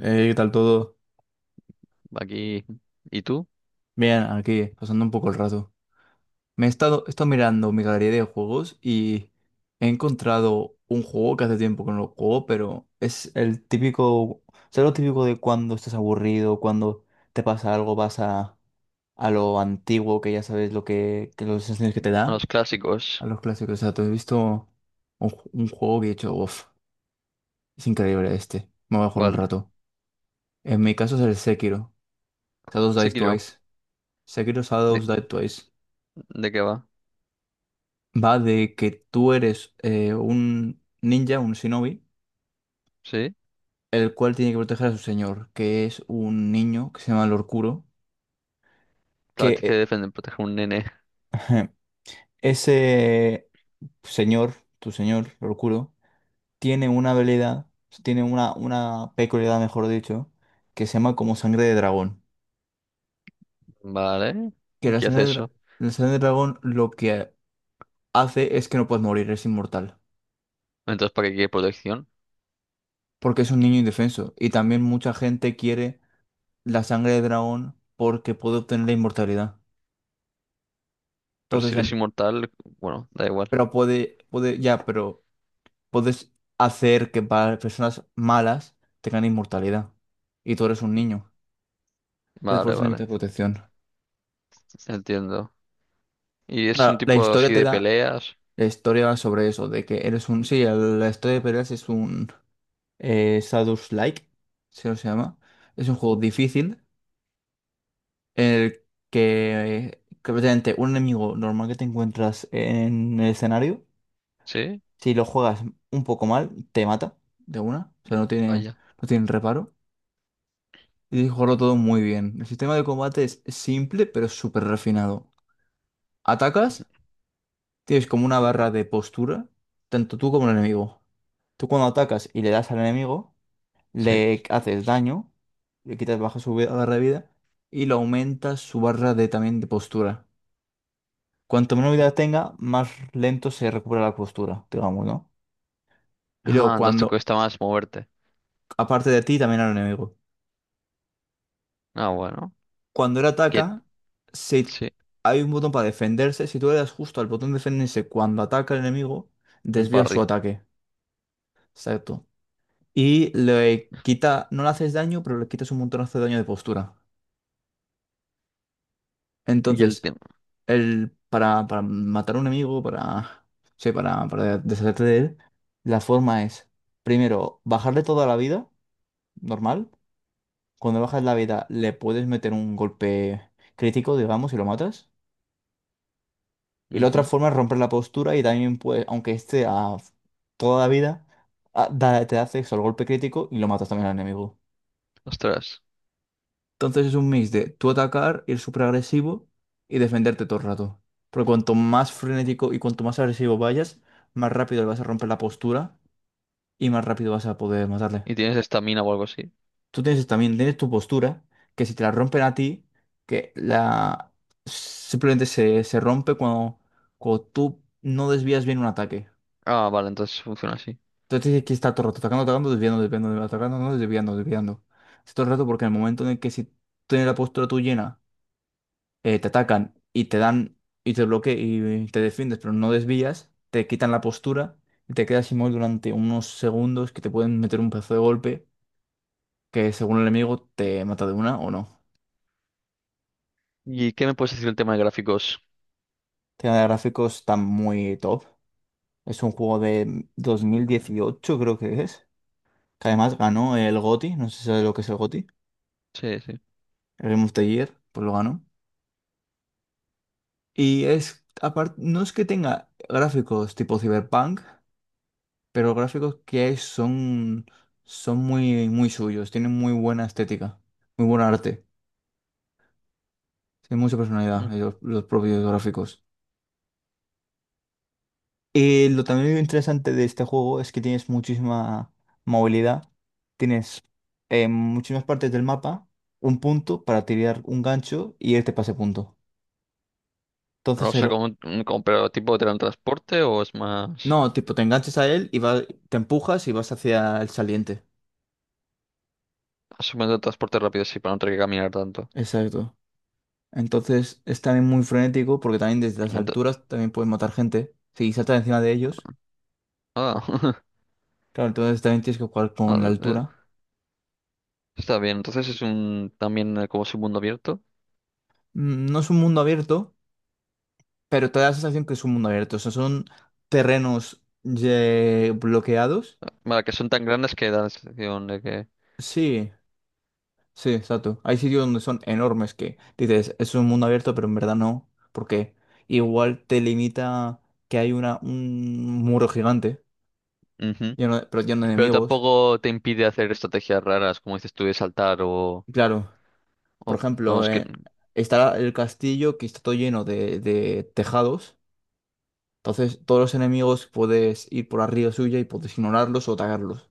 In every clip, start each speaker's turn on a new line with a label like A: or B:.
A: ¿Qué tal todo?
B: Aquí. ¿Y tú?
A: Bien, aquí, pasando un poco el rato. He estado mirando mi galería de juegos y he encontrado un juego que hace tiempo que no lo juego, pero es el típico. ¿Sabes lo típico de cuando estás aburrido, cuando te pasa algo, vas a lo antiguo, que ya sabes lo que los sensaciones que te
B: A
A: da,
B: los
A: a
B: clásicos.
A: los clásicos? O sea, te he visto un, ju- un juego que he dicho, uff, es increíble este, me voy a jugar un
B: ¿Cuál?
A: rato. En mi caso es el Sekiro, Shadows Die
B: Sekiro.
A: Twice. Sekiro Shadows
B: ¿De,
A: Die Twice.
B: de qué va?
A: Va de que tú eres un ninja, un shinobi,
B: ¿Sí?
A: el cual tiene que proteger a su señor, que es un niño que se llama Lord Kuro,
B: Claro, tienes que
A: que
B: defender, proteger a un nene.
A: eh, ese señor, tu señor, Lord Kuro, tiene una habilidad, tiene una peculiaridad, mejor dicho, que se llama como sangre de dragón.
B: Vale.
A: Que
B: ¿Y
A: la
B: qué
A: sangre
B: hace
A: de, dra-
B: eso?
A: la sangre de dragón lo que hace es que no puedes morir, es inmortal,
B: Entonces, ¿para qué quiere protección?
A: porque es un niño indefenso, y también mucha gente quiere la sangre de dragón porque puede obtener la inmortalidad.
B: Pero si
A: Entonces,
B: eres
A: en-
B: inmortal, bueno, da igual.
A: pero puede, ya, pero puedes hacer que para personas malas tengan inmortalidad. Y tú eres un niño. Entonces, por
B: Vale,
A: eso
B: vale.
A: necesitas protección.
B: Entiendo. ¿Y es un
A: Claro, la
B: tipo
A: historia
B: así
A: te
B: de
A: da
B: peleas?
A: la historia sobre eso, de que eres un. Sí, el- la historia de peleas es un eh, Like, se lo se llama. Es un juego difícil en el que prácticamente un enemigo normal que te encuentras en el escenario.
B: ¿Sí?
A: Si lo juegas un poco mal, te mata de una. O sea, no tiene,
B: Vaya.
A: no tiene reparo. Y tienes que jugarlo todo muy bien. El sistema de combate es simple, pero súper refinado. Atacas, tienes como una barra de postura, tanto tú como el enemigo. Tú cuando atacas y le das al enemigo,
B: Sí.
A: le haces daño, le quitas baja su vida- barra de vida y le aumentas su barra de también de postura. Cuanto menos vida tenga, más lento se recupera la postura, digamos, ¿no? Y luego
B: Ah, entonces te
A: cuando,
B: cuesta más moverte.
A: aparte de ti, también al enemigo.
B: Ah, bueno.
A: Cuando él
B: Y el-
A: ataca, si
B: Sí,
A: hay un botón para defenderse, si tú le das justo al botón de defenderse cuando ataca el enemigo,
B: un
A: desvía su
B: parry.
A: ataque. Exacto. Y le quita, no le haces daño, pero le quitas un montonazo de daño de postura.
B: Y el
A: Entonces,
B: tema.
A: el, para matar a un enemigo, para, sí, para deshacerte de él, la forma es, primero, bajarle toda la vida, normal. Cuando bajas la vida, le puedes meter un golpe crítico, digamos, y lo matas. Y la otra
B: Ujú.
A: forma es romper la postura y también, pues, aunque esté a toda la vida, a- da- te hace eso, el golpe crítico y lo matas también al enemigo.
B: Ostras.
A: Entonces es un mix de tú atacar, ir súper agresivo y defenderte todo el rato. Porque cuanto más frenético y cuanto más agresivo vayas, más rápido le vas a romper la postura y más rápido vas a poder matarle.
B: ¿Y tienes estamina o algo así?
A: Tú tienes también, tienes tu postura, que si te la rompen a ti, que la simplemente se, se rompe cuando, cuando tú no desvías bien un ataque.
B: Ah, vale, entonces funciona así.
A: Entonces aquí está todo el rato atacando, atacando, desviando, desviando, atacando, no, desviando, desviando. Es todo el rato porque en el momento en el que si tienes la postura tú llena, te atacan y te dan y te bloquean y te defiendes, pero no desvías, te quitan la postura y te quedas inmóvil durante unos segundos que te pueden meter un pedazo de golpe que según el enemigo te mata de una o no.
B: ¿Y qué me puedes decir del tema de gráficos?
A: Tema de gráficos está muy top. Es un juego de 2018 creo que es. Que además ganó el GOTY, no sé si sabes lo que es el GOTY.
B: Sí, sí.
A: El Game of the Year, pues lo ganó. Y es, aparte, no es que tenga gráficos tipo Cyberpunk, pero los gráficos que hay son, son muy, muy suyos, tienen muy buena estética, muy buen arte, tienen mucha personalidad
B: Mm.
A: los propios gráficos. Y lo también interesante de este juego es que tienes muchísima movilidad, tienes muchísimas partes del mapa, un punto para tirar un gancho y irte pase punto.
B: O
A: Entonces,
B: sea,
A: el-
B: pero tipo de transporte o es más
A: no, tipo, te enganchas a él y va- te empujas y vas hacia el saliente.
B: asumiendo transporte rápido, sí, para no tener que caminar tanto.
A: Exacto. Entonces es también muy frenético porque también desde las
B: Ento-
A: alturas también puedes matar gente. Si saltas encima de ellos,
B: ah,
A: claro, entonces también tienes que jugar con la
B: ah, eh,
A: altura.
B: está bien. Entonces es un también como su mundo abierto.
A: Mm, no es un mundo abierto, pero te da la sensación que es un mundo abierto. O sea, son terrenos ye- bloqueados.
B: Vale, que son tan grandes que da la sensación de que
A: Sí, sí, exacto. Hay sitios donde son enormes que dices, es un mundo abierto, pero en verdad no, porque igual te limita que hay una, un muro gigante
B: Ujú.
A: lleno de- pero lleno de
B: Pero
A: enemigos.
B: tampoco te impide hacer estrategias raras, como dices tú, de saltar
A: Claro. Por
B: o-
A: ejemplo,
B: vamos que
A: está el castillo que está todo lleno de tejados. Entonces, todos los enemigos puedes ir por arriba suya y puedes ignorarlos o atacarlos.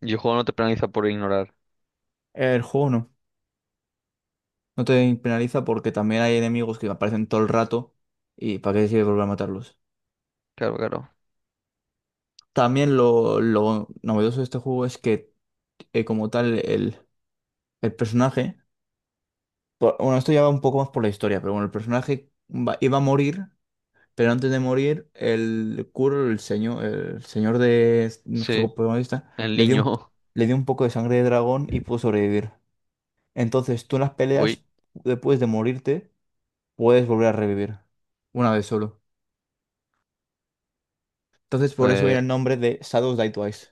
B: y el juego no te penaliza por ignorar.
A: El juego no. No te penaliza porque también hay enemigos que aparecen todo el rato y para qué te sirve volver a matarlos.
B: Claro, claro.
A: También lo novedoso de este juego es que, como tal, el personaje. Por- bueno, esto ya va un poco más por la historia, pero bueno, el personaje va- iba a morir. Pero antes de morir, el Kuro, el señor de s- nuestro
B: Sí,
A: protagonista,
B: el
A: le dio un, p-
B: niño.
A: le dio un poco de sangre de dragón y pudo sobrevivir. Entonces, tú en las
B: Uy.
A: peleas, después de morirte, puedes volver a revivir. Una vez solo. Entonces, por eso viene
B: Eh,
A: el nombre de Shadows Die Twice.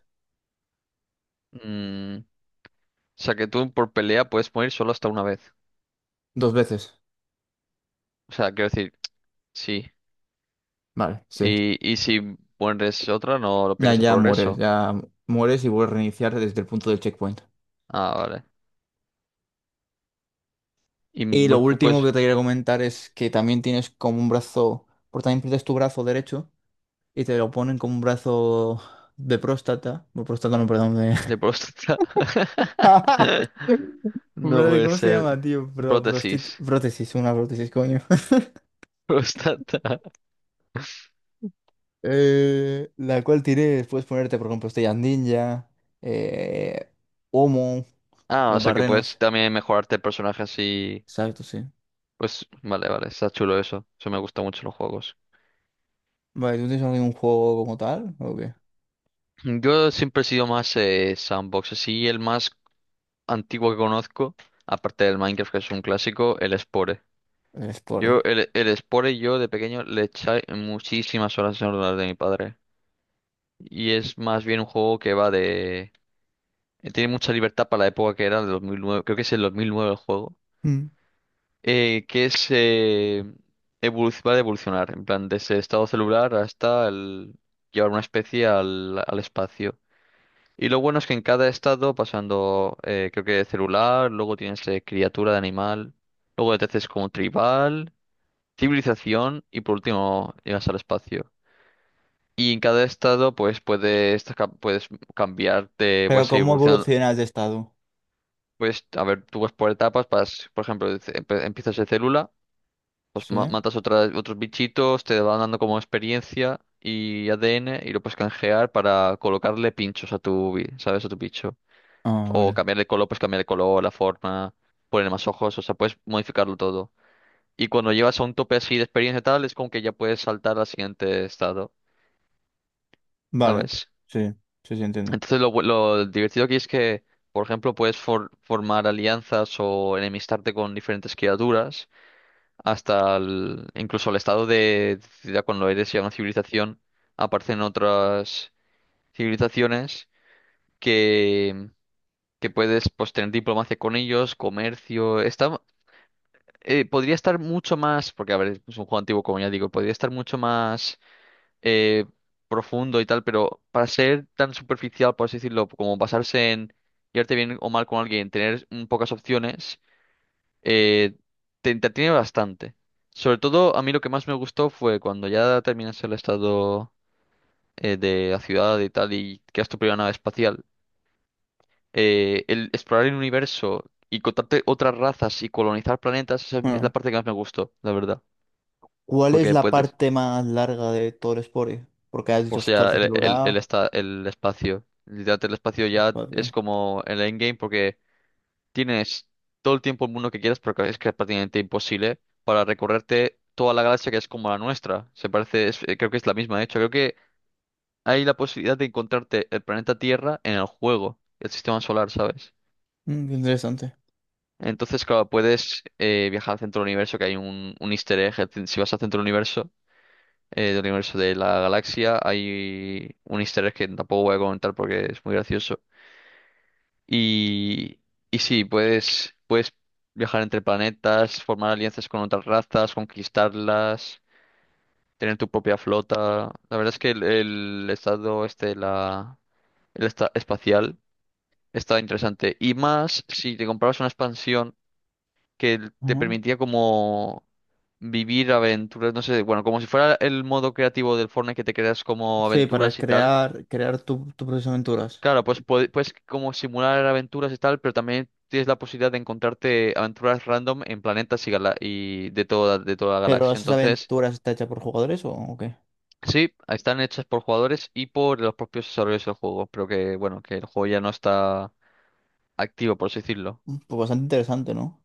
B: O sea, que tú por pelea puedes morir solo hasta una vez.
A: Dos veces.
B: O sea, quiero decir, sí.
A: Vale, sí.
B: Y si mueres otra, no lo
A: Ya,
B: pierdes el progreso.
A: ya mueres y vuelves a reiniciar desde el punto del checkpoint.
B: Ah, vale.
A: Y lo
B: Tú
A: último
B: puedes...
A: que te quiero comentar es que también tienes como un brazo, porque también pierdes tu brazo derecho y te lo ponen con un brazo de próstata, o próstata no, perdón, de...
B: De próstata.
A: un
B: No
A: brazo de-
B: puede
A: ¿Cómo se
B: ser.
A: llama, tío? Pro- prostit-
B: Prótesis.
A: prótesis, una prótesis, coño.
B: Próstata.
A: La cual tiré, puedes ponerte, por ejemplo, estrellas ninja, eh, Homo, te
B: Ah, o
A: pones
B: sea que puedes
A: barrenos.
B: también mejorarte el personaje así.
A: Exacto, sí.
B: Pues vale, vale, está chulo eso. Eso me gusta mucho en los juegos.
A: Vale, ¿tú tienes algún juego como tal? ¿O qué?
B: Yo siempre he sido más sandbox. Así el más antiguo que conozco, aparte del Minecraft, que es un clásico, el Spore.
A: El Spore.
B: Yo, el Spore, yo de pequeño le eché muchísimas horas en el ordenador de mi padre. Y es más bien un juego que va de... Tiene mucha libertad para la época que era, el 2009, creo que es el 2009 el juego.
A: Mm.
B: eh, que es... eh, Va de evolucionar, en plan, desde estado celular hasta llevar una especie al espacio. Y lo bueno es que en cada estado, pasando, creo que celular, luego tienes criatura de animal, luego te haces como tribal, civilización y por último llegas al espacio. Y en cada estado pues puedes cambiarte,
A: Pero
B: puedes ir
A: ¿cómo
B: evolucionando.
A: evolucionas de estado?
B: Pues a ver, tú vas por etapas, vas, por ejemplo, empiezas de célula, pues
A: Sí.
B: ma- matas otras, otros bichitos, te van dando como experiencia y ADN y lo puedes canjear para colocarle pinchos a tu, ¿sabes? A tu bicho.
A: Ah,
B: O
A: vale.
B: cambiarle color, pues cambiarle color, la forma, poner más ojos, o sea, puedes modificarlo todo. Y cuando llevas a un tope así de experiencia y tal, es como que ya puedes saltar al siguiente estado.
A: Vale.
B: ¿Sabes?
A: Sí, sí, sí, entiendo.
B: Entonces lo divertido aquí es que, por ejemplo, puedes formar alianzas o enemistarte con diferentes criaturas, incluso el estado de ciudad cuando eres ya una civilización, aparecen otras civilizaciones que, que puedes pues tener diplomacia con ellos, comercio, está... Podría estar mucho más, porque a ver, es un juego antiguo, como ya digo, podría estar mucho más eh, profundo y tal, pero para ser tan superficial, por así decirlo, como basarse en llevarte bien o mal con alguien, tener pocas opciones, eh, te entretiene bastante. Sobre todo, a mí lo que más me gustó fue cuando ya terminas el estado de la ciudad y tal y creas tu primera nave espacial, el explorar el universo y contarte otras razas y colonizar planetas, esa es la
A: Bueno,
B: parte que más me gustó, la verdad,
A: ¿cuál es
B: porque
A: la
B: puedes.
A: parte más larga de todo el Spore? Porque has
B: O
A: dicho
B: sea,
A: parte celular,
B: el espacio. Literalmente el espacio ya es
A: espacio.
B: como el endgame porque tienes todo el tiempo el mundo que quieras, pero es que es prácticamente imposible para recorrerte toda la galaxia, que es como la nuestra. Se parece, creo que es la misma, de hecho. Creo que hay la posibilidad de encontrarte el planeta Tierra en el juego, el sistema solar, ¿sabes?
A: Mm, qué interesante.
B: Entonces, claro, puedes viajar al centro del universo, que hay un easter egg. Si vas al centro del universo de la galaxia, hay un easter egg que tampoco voy a comentar porque es muy gracioso. Y, y sí, puedes viajar entre planetas, formar alianzas con otras razas, conquistarlas, tener tu propia flota. La verdad es que el estado este, de la, el esta- espacial, está interesante. Y más si te comprabas una expansión que te
A: Ajá.
B: permitía como vivir aventuras, no sé, bueno, como si fuera el modo creativo del Fortnite, que te creas como
A: Sí, para
B: aventuras y tal.
A: crear, crear tu, tu propias aventuras.
B: Claro,
A: Ok.
B: pues puedes como simular aventuras y tal, pero también tienes la posibilidad de encontrarte aventuras random en planetas y de de toda la
A: ¿Pero
B: galaxia.
A: esas
B: Entonces,
A: aventuras están hechas por jugadores o qué?
B: sí, están hechas por jugadores y por los propios desarrolladores del juego, pero que bueno, que el juego ya no está activo, por así decirlo.
A: Mm, pues bastante interesante, ¿no?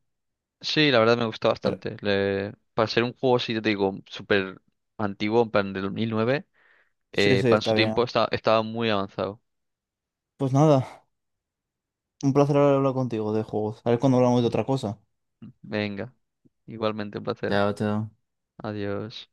B: Sí, la verdad me gusta
A: Pero,
B: bastante. Para ser un juego, sí, te digo, súper antiguo, en plan del 2009,
A: sí, sí,
B: para
A: está
B: su
A: bien.
B: tiempo estaba muy avanzado.
A: Pues nada, un placer hablar contigo de juegos. A ver cuando hablamos de otra cosa.
B: Venga, igualmente un placer.
A: Chao, chao.
B: Adiós.